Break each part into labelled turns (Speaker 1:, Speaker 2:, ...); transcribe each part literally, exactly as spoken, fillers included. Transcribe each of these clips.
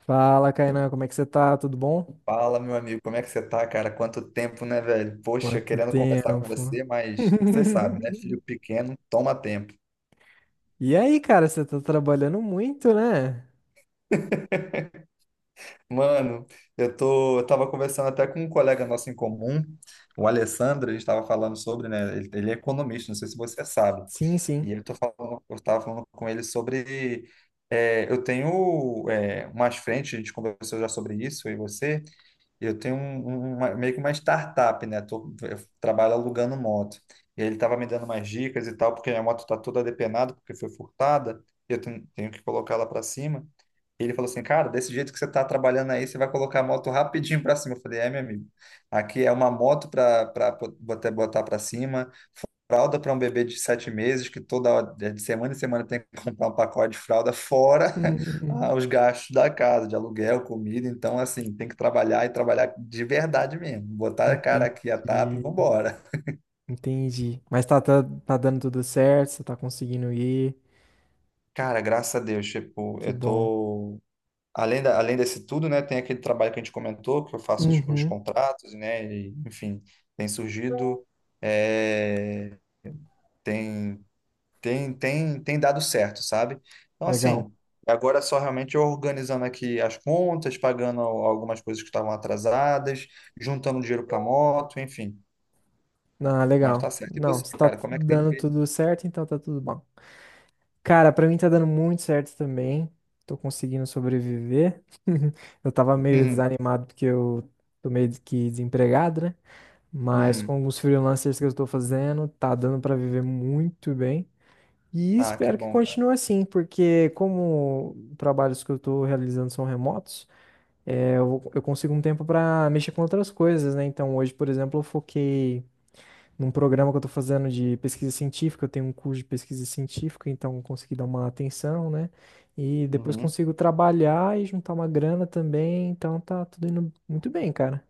Speaker 1: Fala, Kainan, como é que você tá? Tudo bom?
Speaker 2: Fala, meu amigo, como é que você tá, cara? Quanto tempo, né, velho? Poxa,
Speaker 1: Quanto
Speaker 2: querendo conversar com
Speaker 1: tempo?
Speaker 2: você, mas você sabe, né? Filho pequeno, toma tempo.
Speaker 1: E aí, cara, você tá trabalhando muito, né?
Speaker 2: Mano, eu tô, eu tava conversando até com um colega nosso em comum, o Alessandro, a gente tava falando sobre, né? Ele, ele é economista, não sei se você sabe.
Speaker 1: Sim, sim.
Speaker 2: E eu tô falando, eu tava falando com ele sobre, é, eu tenho, é, umas frentes, a gente conversou já sobre isso, eu e você. Eu tenho um, um- uma- meio que uma startup, né? Tô, eu trabalho alugando moto. E ele estava me dando umas dicas e tal, porque minha moto está toda depenada, porque foi furtada, e eu tenho, tenho que colocar ela para cima. E ele falou assim, cara, desse jeito que você está trabalhando aí, você vai colocar a moto rapidinho para cima. Eu falei, é, meu amigo, aqui é uma moto para botar para cima, fralda para um bebê de sete meses, que toda hora, é, de semana em semana tem que comprar um pacote de fralda, fora ah, os gastos da casa, de aluguel, comida. Então, assim, tem que trabalhar e trabalhar de verdade mesmo. Botar a cara
Speaker 1: Entendi.
Speaker 2: aqui a tapa e vambora.
Speaker 1: Entendi. Mas tá, tá, tá dando tudo certo, você tá conseguindo ir.
Speaker 2: Cara, graças a Deus, tipo,
Speaker 1: Que
Speaker 2: eu
Speaker 1: bom.
Speaker 2: tô. Além da, além desse tudo, né, tem aquele trabalho que a gente comentou, que eu faço os, os
Speaker 1: Uhum.
Speaker 2: contratos, né, e, enfim, tem surgido. é, tem tem, tem, tem dado certo, sabe? Então,
Speaker 1: Legal.
Speaker 2: assim, agora é só realmente eu organizando aqui as contas, pagando al- algumas coisas que estavam atrasadas, juntando dinheiro para moto, enfim.
Speaker 1: Ah,
Speaker 2: Mas tá
Speaker 1: legal.
Speaker 2: certo. E
Speaker 1: Não,
Speaker 2: você,
Speaker 1: se tá
Speaker 2: cara, como é que tem
Speaker 1: dando
Speaker 2: feito?
Speaker 1: tudo certo, então tá tudo bom. Cara, pra mim tá dando muito certo também. Tô conseguindo sobreviver. Eu tava meio
Speaker 2: Uhum,
Speaker 1: desanimado porque eu tô meio que desempregado, né? Mas
Speaker 2: uhum.
Speaker 1: com os freelancers que eu tô fazendo, tá dando pra viver muito bem. E
Speaker 2: Ah, que
Speaker 1: espero que
Speaker 2: bom, cara.
Speaker 1: continue assim, porque como trabalhos que eu tô realizando são remotos, é, eu, eu consigo um tempo pra mexer com outras coisas, né? Então hoje, por exemplo, eu foquei num programa que eu estou fazendo de pesquisa científica, eu tenho um curso de pesquisa científica, então eu consegui dar uma atenção, né? E depois
Speaker 2: Uhum.
Speaker 1: consigo trabalhar e juntar uma grana também, então tá tudo indo muito bem, cara.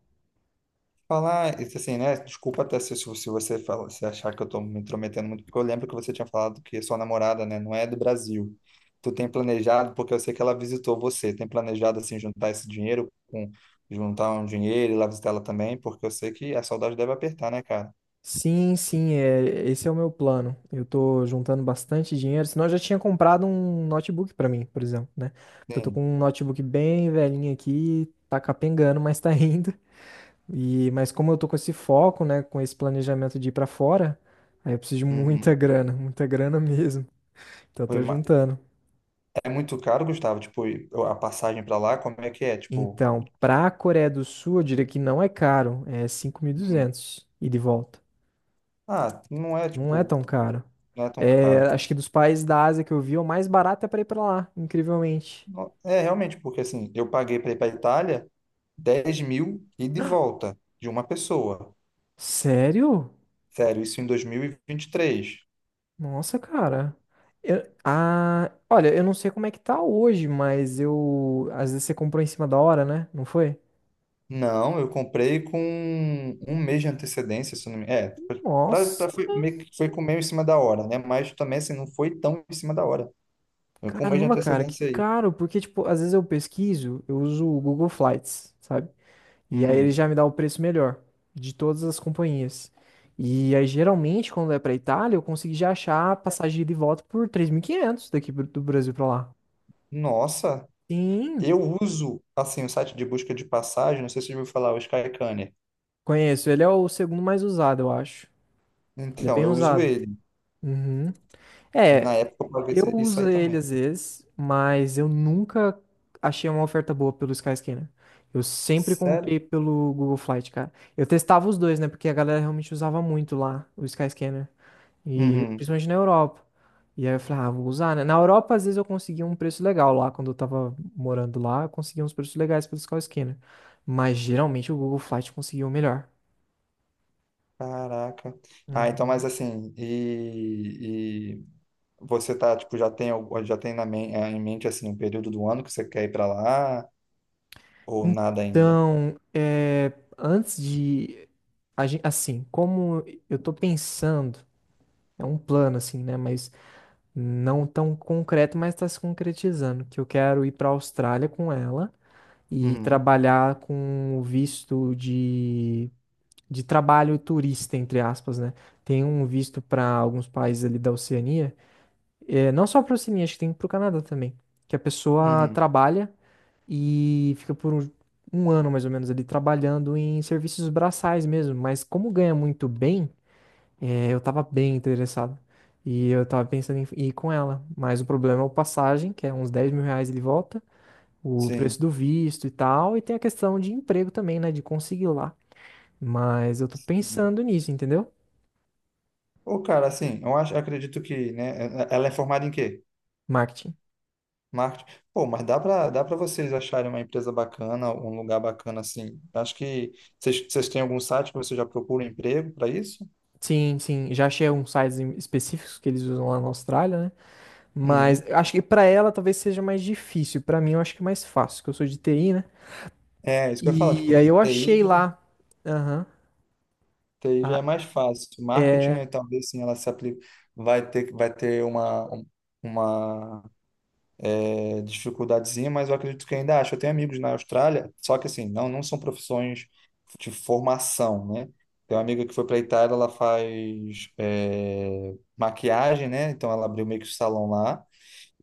Speaker 2: Falar, isso assim, né? Desculpa até se, se se você fala, se achar que eu tô me intrometendo muito, porque eu lembro que você tinha falado que sua namorada, né, não é do Brasil. Tu tem planejado, porque eu sei que ela visitou você, tem planejado, assim, juntar esse dinheiro, com, juntar um dinheiro e lá visitar ela também, porque eu sei que a saudade deve apertar, né, cara?
Speaker 1: Sim, sim, é, esse é o meu plano. Eu tô juntando bastante dinheiro, senão eu já tinha comprado um notebook pra mim, por exemplo, né? Porque eu tô
Speaker 2: Sim.
Speaker 1: com um notebook bem velhinho aqui, tá capengando, mas tá indo. E, mas como eu tô com esse foco, né, com esse planejamento de ir pra fora, aí eu preciso de muita
Speaker 2: Uhum.
Speaker 1: grana, muita grana mesmo. Então eu
Speaker 2: Foi
Speaker 1: tô
Speaker 2: uma-
Speaker 1: juntando.
Speaker 2: É muito caro, Gustavo, tipo, e a passagem pra lá, como é que é? Tipo.
Speaker 1: Então, pra Coreia do Sul, eu diria que não é caro, é cinco mil e
Speaker 2: Uhum.
Speaker 1: duzentos e de volta.
Speaker 2: Ah, não é,
Speaker 1: Não é
Speaker 2: tipo,
Speaker 1: tão caro.
Speaker 2: não é tão
Speaker 1: É,
Speaker 2: caro.
Speaker 1: acho que dos países da Ásia que eu vi, é o mais barato é pra ir pra lá, incrivelmente.
Speaker 2: Não- É, realmente, porque assim, eu paguei pra ir pra Itália, dez mil e de volta de uma pessoa.
Speaker 1: Sério?
Speaker 2: Sério, isso em dois mil e e vinte e três.
Speaker 1: Nossa, cara. Eu- ah, olha, eu não sei como é que tá hoje, mas eu. Às vezes você comprou em cima da hora, né? Não foi?
Speaker 2: Não, eu comprei com um mês de antecedência, se eu não me... É, foi- pra,
Speaker 1: Nossa.
Speaker 2: pra, foi, meio que foi com meio em cima da hora, né? Mas também, assim, não foi tão em cima da hora. Foi com um mês de
Speaker 1: Caramba, cara, que
Speaker 2: antecedência aí.
Speaker 1: caro, porque, tipo, às vezes eu pesquiso, eu uso o Google Flights, sabe? E aí ele
Speaker 2: Uhum.
Speaker 1: já me dá o preço melhor de todas as companhias. E aí, geralmente, quando é pra Itália, eu consegui já achar a passagem de ida e volta por três mil e quinhentos daqui pro- do Brasil pra lá.
Speaker 2: Nossa,
Speaker 1: Sim,
Speaker 2: eu uso, assim, o site de busca de passagem, não sei se você já ouviu falar, o Skyscanner.
Speaker 1: conheço. Ele é o segundo mais usado, eu acho. Ele é
Speaker 2: Então,
Speaker 1: bem
Speaker 2: eu uso
Speaker 1: usado.
Speaker 2: ele.
Speaker 1: Uhum.
Speaker 2: E na
Speaker 1: É,
Speaker 2: época eu paguei
Speaker 1: eu
Speaker 2: isso isso aí
Speaker 1: uso ele
Speaker 2: também.
Speaker 1: às vezes, mas eu nunca achei uma oferta boa pelo Sky Scanner. Eu sempre
Speaker 2: Sério?
Speaker 1: comprei pelo Google Flight, cara. Eu testava os dois, né? Porque a galera realmente usava muito lá o Sky Scanner. E
Speaker 2: Uhum.
Speaker 1: principalmente na Europa. E aí eu falei, ah, vou usar, né? Na Europa, às vezes, eu conseguia um preço legal lá. Quando eu tava morando lá, eu conseguia uns preços legais pelo Sky Scanner. Mas geralmente o Google Flight conseguia o melhor.
Speaker 2: Caraca. Ah, então, mas
Speaker 1: Uhum.
Speaker 2: assim, e, e você tá, tipo, já tem, al- já tem na men- eh, em mente, assim, um período do ano que você quer ir pra lá ou nada ainda?
Speaker 1: Então, é, antes de a gen- assim, como eu tô pensando, é um plano assim, né, mas não tão concreto, mas está se concretizando, que eu quero ir para a Austrália com ela e
Speaker 2: Uhum,
Speaker 1: trabalhar com o visto de de trabalho turista, entre aspas, né? Tem um visto para alguns países ali da Oceania, é, não só para a Oceania, acho que tem para o Canadá também, que a pessoa
Speaker 2: uhum,
Speaker 1: trabalha e fica por um, um ano mais ou menos ali trabalhando em serviços braçais mesmo. Mas como ganha muito bem, é, eu tava bem interessado. E eu tava pensando em ir com ela. Mas o problema é o passagem, que é uns dez mil reais ele volta, o
Speaker 2: sim.
Speaker 1: preço do visto e tal, e tem a questão de emprego também, né? De conseguir lá. Mas eu tô
Speaker 2: Sim.
Speaker 1: pensando nisso, entendeu?
Speaker 2: Pô, cara, assim, eu acho, acredito que, né, eh, ela é formada em quê?
Speaker 1: Marketing.
Speaker 2: Marketing. Pô, mas dá pra, dá pra vocês acharem uma empresa bacana, um lugar bacana, assim. Acho que vocês, vocês têm algum site que você já procura emprego para isso?
Speaker 1: Sim, sim. Já achei uns sites em- específicos que eles usam lá na Austrália, né? Mas
Speaker 2: Uhum.
Speaker 1: eu acho que pra ela talvez seja mais difícil. Pra mim eu acho que é mais fácil, que eu sou de T I, né?
Speaker 2: É, isso que eu ia falar,
Speaker 1: E
Speaker 2: tipo,
Speaker 1: aí eu
Speaker 2: T I
Speaker 1: achei lá. Aham.
Speaker 2: T I já
Speaker 1: Ah,
Speaker 2: é mais fácil. Marketing,
Speaker 1: é,
Speaker 2: eh, talvez sim, ela se aplica, vai ter, vai ter uma, um- uma eh, dificuldadezinha, mas eu acredito que ainda acho. Eu tenho amigos na Austrália, só que assim, não, não são profissões de formação, né? Tem uma amiga que foi para a Itália, ela faz eh, maquiagem, né? Então ela abriu meio que o salão lá.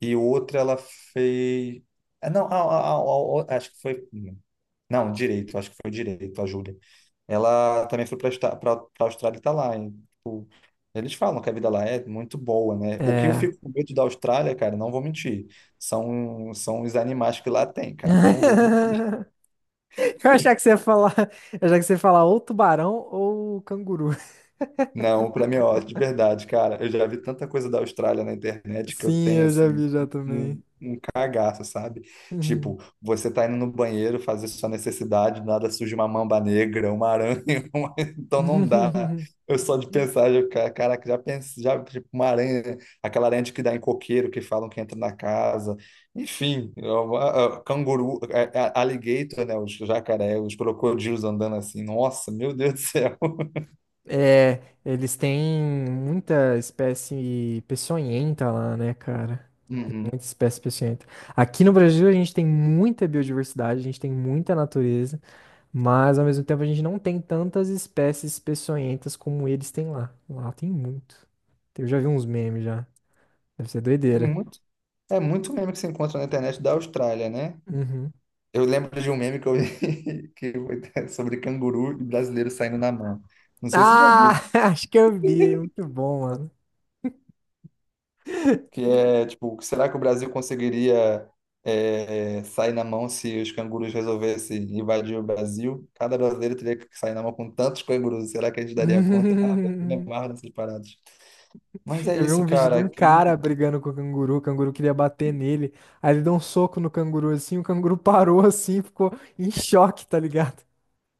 Speaker 2: E outra, ela fez. Ah, não, a- a- a- a- acho que foi. Não, direito, acho que foi direito, a Júlia. Ela também foi para a Austrália e tá lá, hein? Tipo, eles falam que a vida lá é muito boa, né? O que eu
Speaker 1: é.
Speaker 2: fico com medo da Austrália, cara, não vou mentir. São, são os animais que lá tem, cara. Não vou mentir.
Speaker 1: Eu achava que você ia falar, eu achava que você ia falar ou tubarão ou canguru.
Speaker 2: Não, para mim, ó, de verdade, cara. Eu já vi tanta coisa da Austrália na internet que eu
Speaker 1: Sim,
Speaker 2: tenho,
Speaker 1: eu já
Speaker 2: assim,
Speaker 1: vi já também.
Speaker 2: um cagaço, sabe?
Speaker 1: Uhum.
Speaker 2: Tipo, você tá indo no banheiro fazer sua necessidade, do nada surge uma mamba negra, uma aranha, uma- então não dá. Eu só de pensar, já, ca- caraca, já pensei, já, tipo, uma aranha, aquela aranha de que dá em coqueiro, que falam que entra na casa, enfim, eu- a- a- canguru, a- a- alligator, né, os jacaré, os crocodilos andando assim, nossa, meu Deus do céu.
Speaker 1: É, eles têm muita espécie peçonhenta lá, né, cara?
Speaker 2: Uhum.
Speaker 1: Muita espécie peçonhenta. Aqui no Brasil a gente tem muita biodiversidade, a gente tem muita natureza, mas ao mesmo tempo a gente não tem tantas espécies peçonhentas como eles têm lá. Lá tem muito. Eu já vi uns memes já. Deve ser doideira.
Speaker 2: Muito, é muito meme que se encontra na internet da Austrália, né?
Speaker 1: Uhum.
Speaker 2: Eu lembro de um meme que eu vi que foi sobre canguru e brasileiro saindo na mão. Não sei se você já
Speaker 1: Ah,
Speaker 2: viu,
Speaker 1: acho que eu vi. Muito bom, mano.
Speaker 2: que é tipo, será que o Brasil conseguiria é, sair na mão se os cangurus resolvessem invadir o Brasil? Cada brasileiro teria que sair na mão com tantos cangurus. Será que a gente daria conta? Ah, velho, eu me amarro nessas paradas. Mas é
Speaker 1: Eu vi
Speaker 2: isso,
Speaker 1: um vídeo de
Speaker 2: cara.
Speaker 1: um cara
Speaker 2: Aqui,
Speaker 1: brigando com o canguru, o canguru queria bater nele. Aí ele deu um soco no canguru assim, o canguru parou assim, ficou em choque, tá ligado?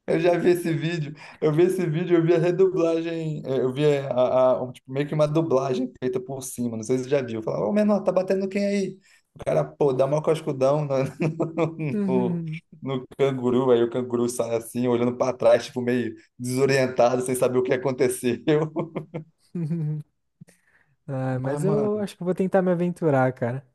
Speaker 2: Eu já vi esse vídeo, eu vi esse vídeo, eu vi a redublagem, eh, eu vi é, a, a- um, tipo, meio que uma dublagem feita por cima, não sei se você já viu. Falava, ô menor, tá batendo quem aí? O cara, pô, dá mó cascudão no, no,
Speaker 1: Uhum.
Speaker 2: no canguru, aí o canguru sai assim, olhando pra trás, tipo, meio desorientado, sem saber o que aconteceu.
Speaker 1: Ah,
Speaker 2: Mas,
Speaker 1: mas
Speaker 2: mano,
Speaker 1: eu acho que eu vou tentar me aventurar, cara.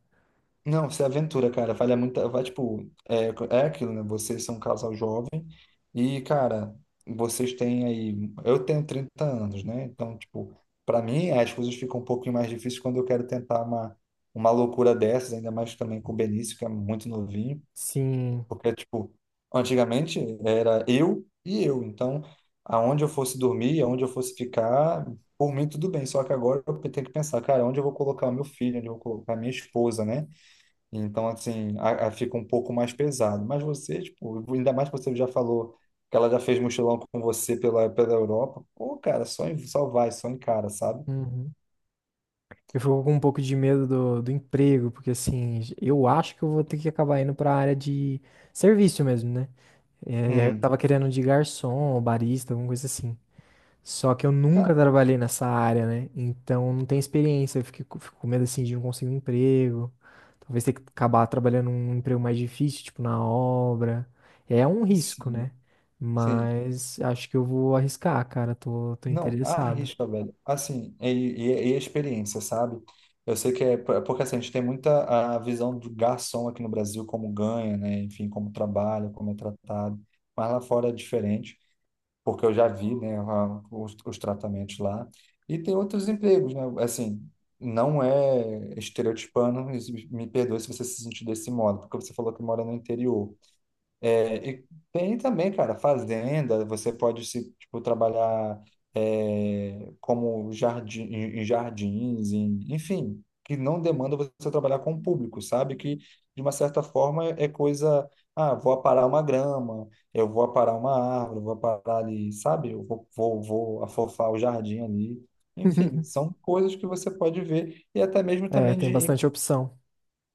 Speaker 2: não, se aventura, cara. Vale muito. Vai, tipo, é, é aquilo, né? Vocês são um casal jovem e, cara, vocês têm aí. Eu tenho trinta anos, né? Então, tipo, para mim as coisas ficam um pouquinho mais difíceis quando eu quero tentar uma, uma loucura dessas, ainda mais também com o Benício, que é muito novinho.
Speaker 1: Sim.
Speaker 2: Porque, tipo, antigamente era eu e eu. Então, aonde eu fosse dormir, aonde eu fosse ficar, por mim tudo bem. Só que agora eu tenho que pensar, cara, onde eu vou colocar o meu filho, onde eu vou colocar a minha esposa, né? Então, assim, a, a- fica um pouco mais pesado. Mas você, tipo, ainda mais que você já falou que ela já fez mochilão com você pela, pela Europa. Pô, cara, só, em- só vai, só encara, sabe?
Speaker 1: Uhum. Eu fico com um pouco de medo do, do emprego, porque assim, eu acho que eu vou ter que acabar indo pra área de serviço mesmo, né? É, e aí eu
Speaker 2: Uhum.
Speaker 1: tava querendo um de garçom, ou barista, alguma coisa assim. Só que eu
Speaker 2: Cara,
Speaker 1: nunca trabalhei nessa área, né? Então não tenho experiência, eu fico, fico com medo assim de não conseguir um emprego. Talvez ter que acabar trabalhando num emprego mais difícil, tipo na obra. É um risco,
Speaker 2: sim,
Speaker 1: né?
Speaker 2: sim.
Speaker 1: Mas acho que eu vou arriscar, cara. Tô, tô
Speaker 2: Não,
Speaker 1: interessado.
Speaker 2: arrisca, velho. Assim, e, e, e a experiência, sabe? Eu sei que é por- porque assim, a gente tem muita a visão do garçom aqui no Brasil, como ganha, né? Enfim, como trabalha, como é tratado. Mas lá fora é diferente, porque eu já vi, né, a- os, os tratamentos lá. E tem outros empregos, né? Assim, não é estereotipando, mas me perdoe se você se sentir desse modo, porque você falou que mora no interior. É, e tem também, cara, fazenda, você pode se, tipo, trabalhar é, como jardim, em em jardins, em- enfim, que não demanda você trabalhar com o público, sabe? Que, de uma certa forma, é coisa, ah, vou aparar uma grama, eu vou aparar uma árvore, vou aparar ali, sabe? Eu vou, vou, vou afofar o jardim ali. Enfim, são coisas que você pode ver e até mesmo
Speaker 1: É,
Speaker 2: também
Speaker 1: tem
Speaker 2: de
Speaker 1: bastante opção.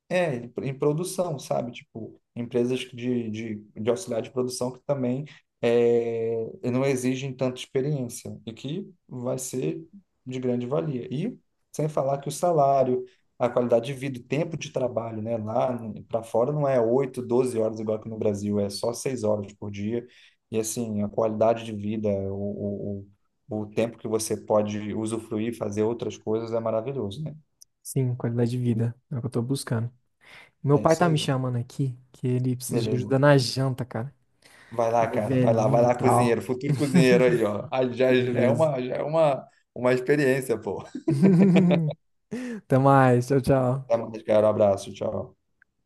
Speaker 2: é, em em produção, sabe? Tipo, empresas de, de, de auxiliar de produção que também é, não exigem tanta experiência e que vai ser de grande valia. E sem falar que o salário, a qualidade de vida, o tempo de trabalho, né? Lá para fora não é oito, doze horas igual aqui no Brasil, é só seis horas por dia. E assim, a qualidade de vida, o, o, o o tempo que você pode usufruir, fazer outras coisas é maravilhoso, né?
Speaker 1: Sim, qualidade de vida. É o que eu tô buscando. Meu
Speaker 2: É
Speaker 1: pai
Speaker 2: isso
Speaker 1: tá me
Speaker 2: aí.
Speaker 1: chamando aqui, que ele precisa de
Speaker 2: Beleza.
Speaker 1: ajuda na janta, cara.
Speaker 2: Vai lá,
Speaker 1: Ele é
Speaker 2: cara, vai lá, vai
Speaker 1: velhinho e
Speaker 2: lá, cozinheiro,
Speaker 1: tal.
Speaker 2: futuro cozinheiro aí, ó. Ah, Já, já é
Speaker 1: Beleza.
Speaker 2: uma, já é uma, uma experiência, pô.
Speaker 1: Até mais. Tchau, tchau.
Speaker 2: Até mais, cara, um abraço, tchau.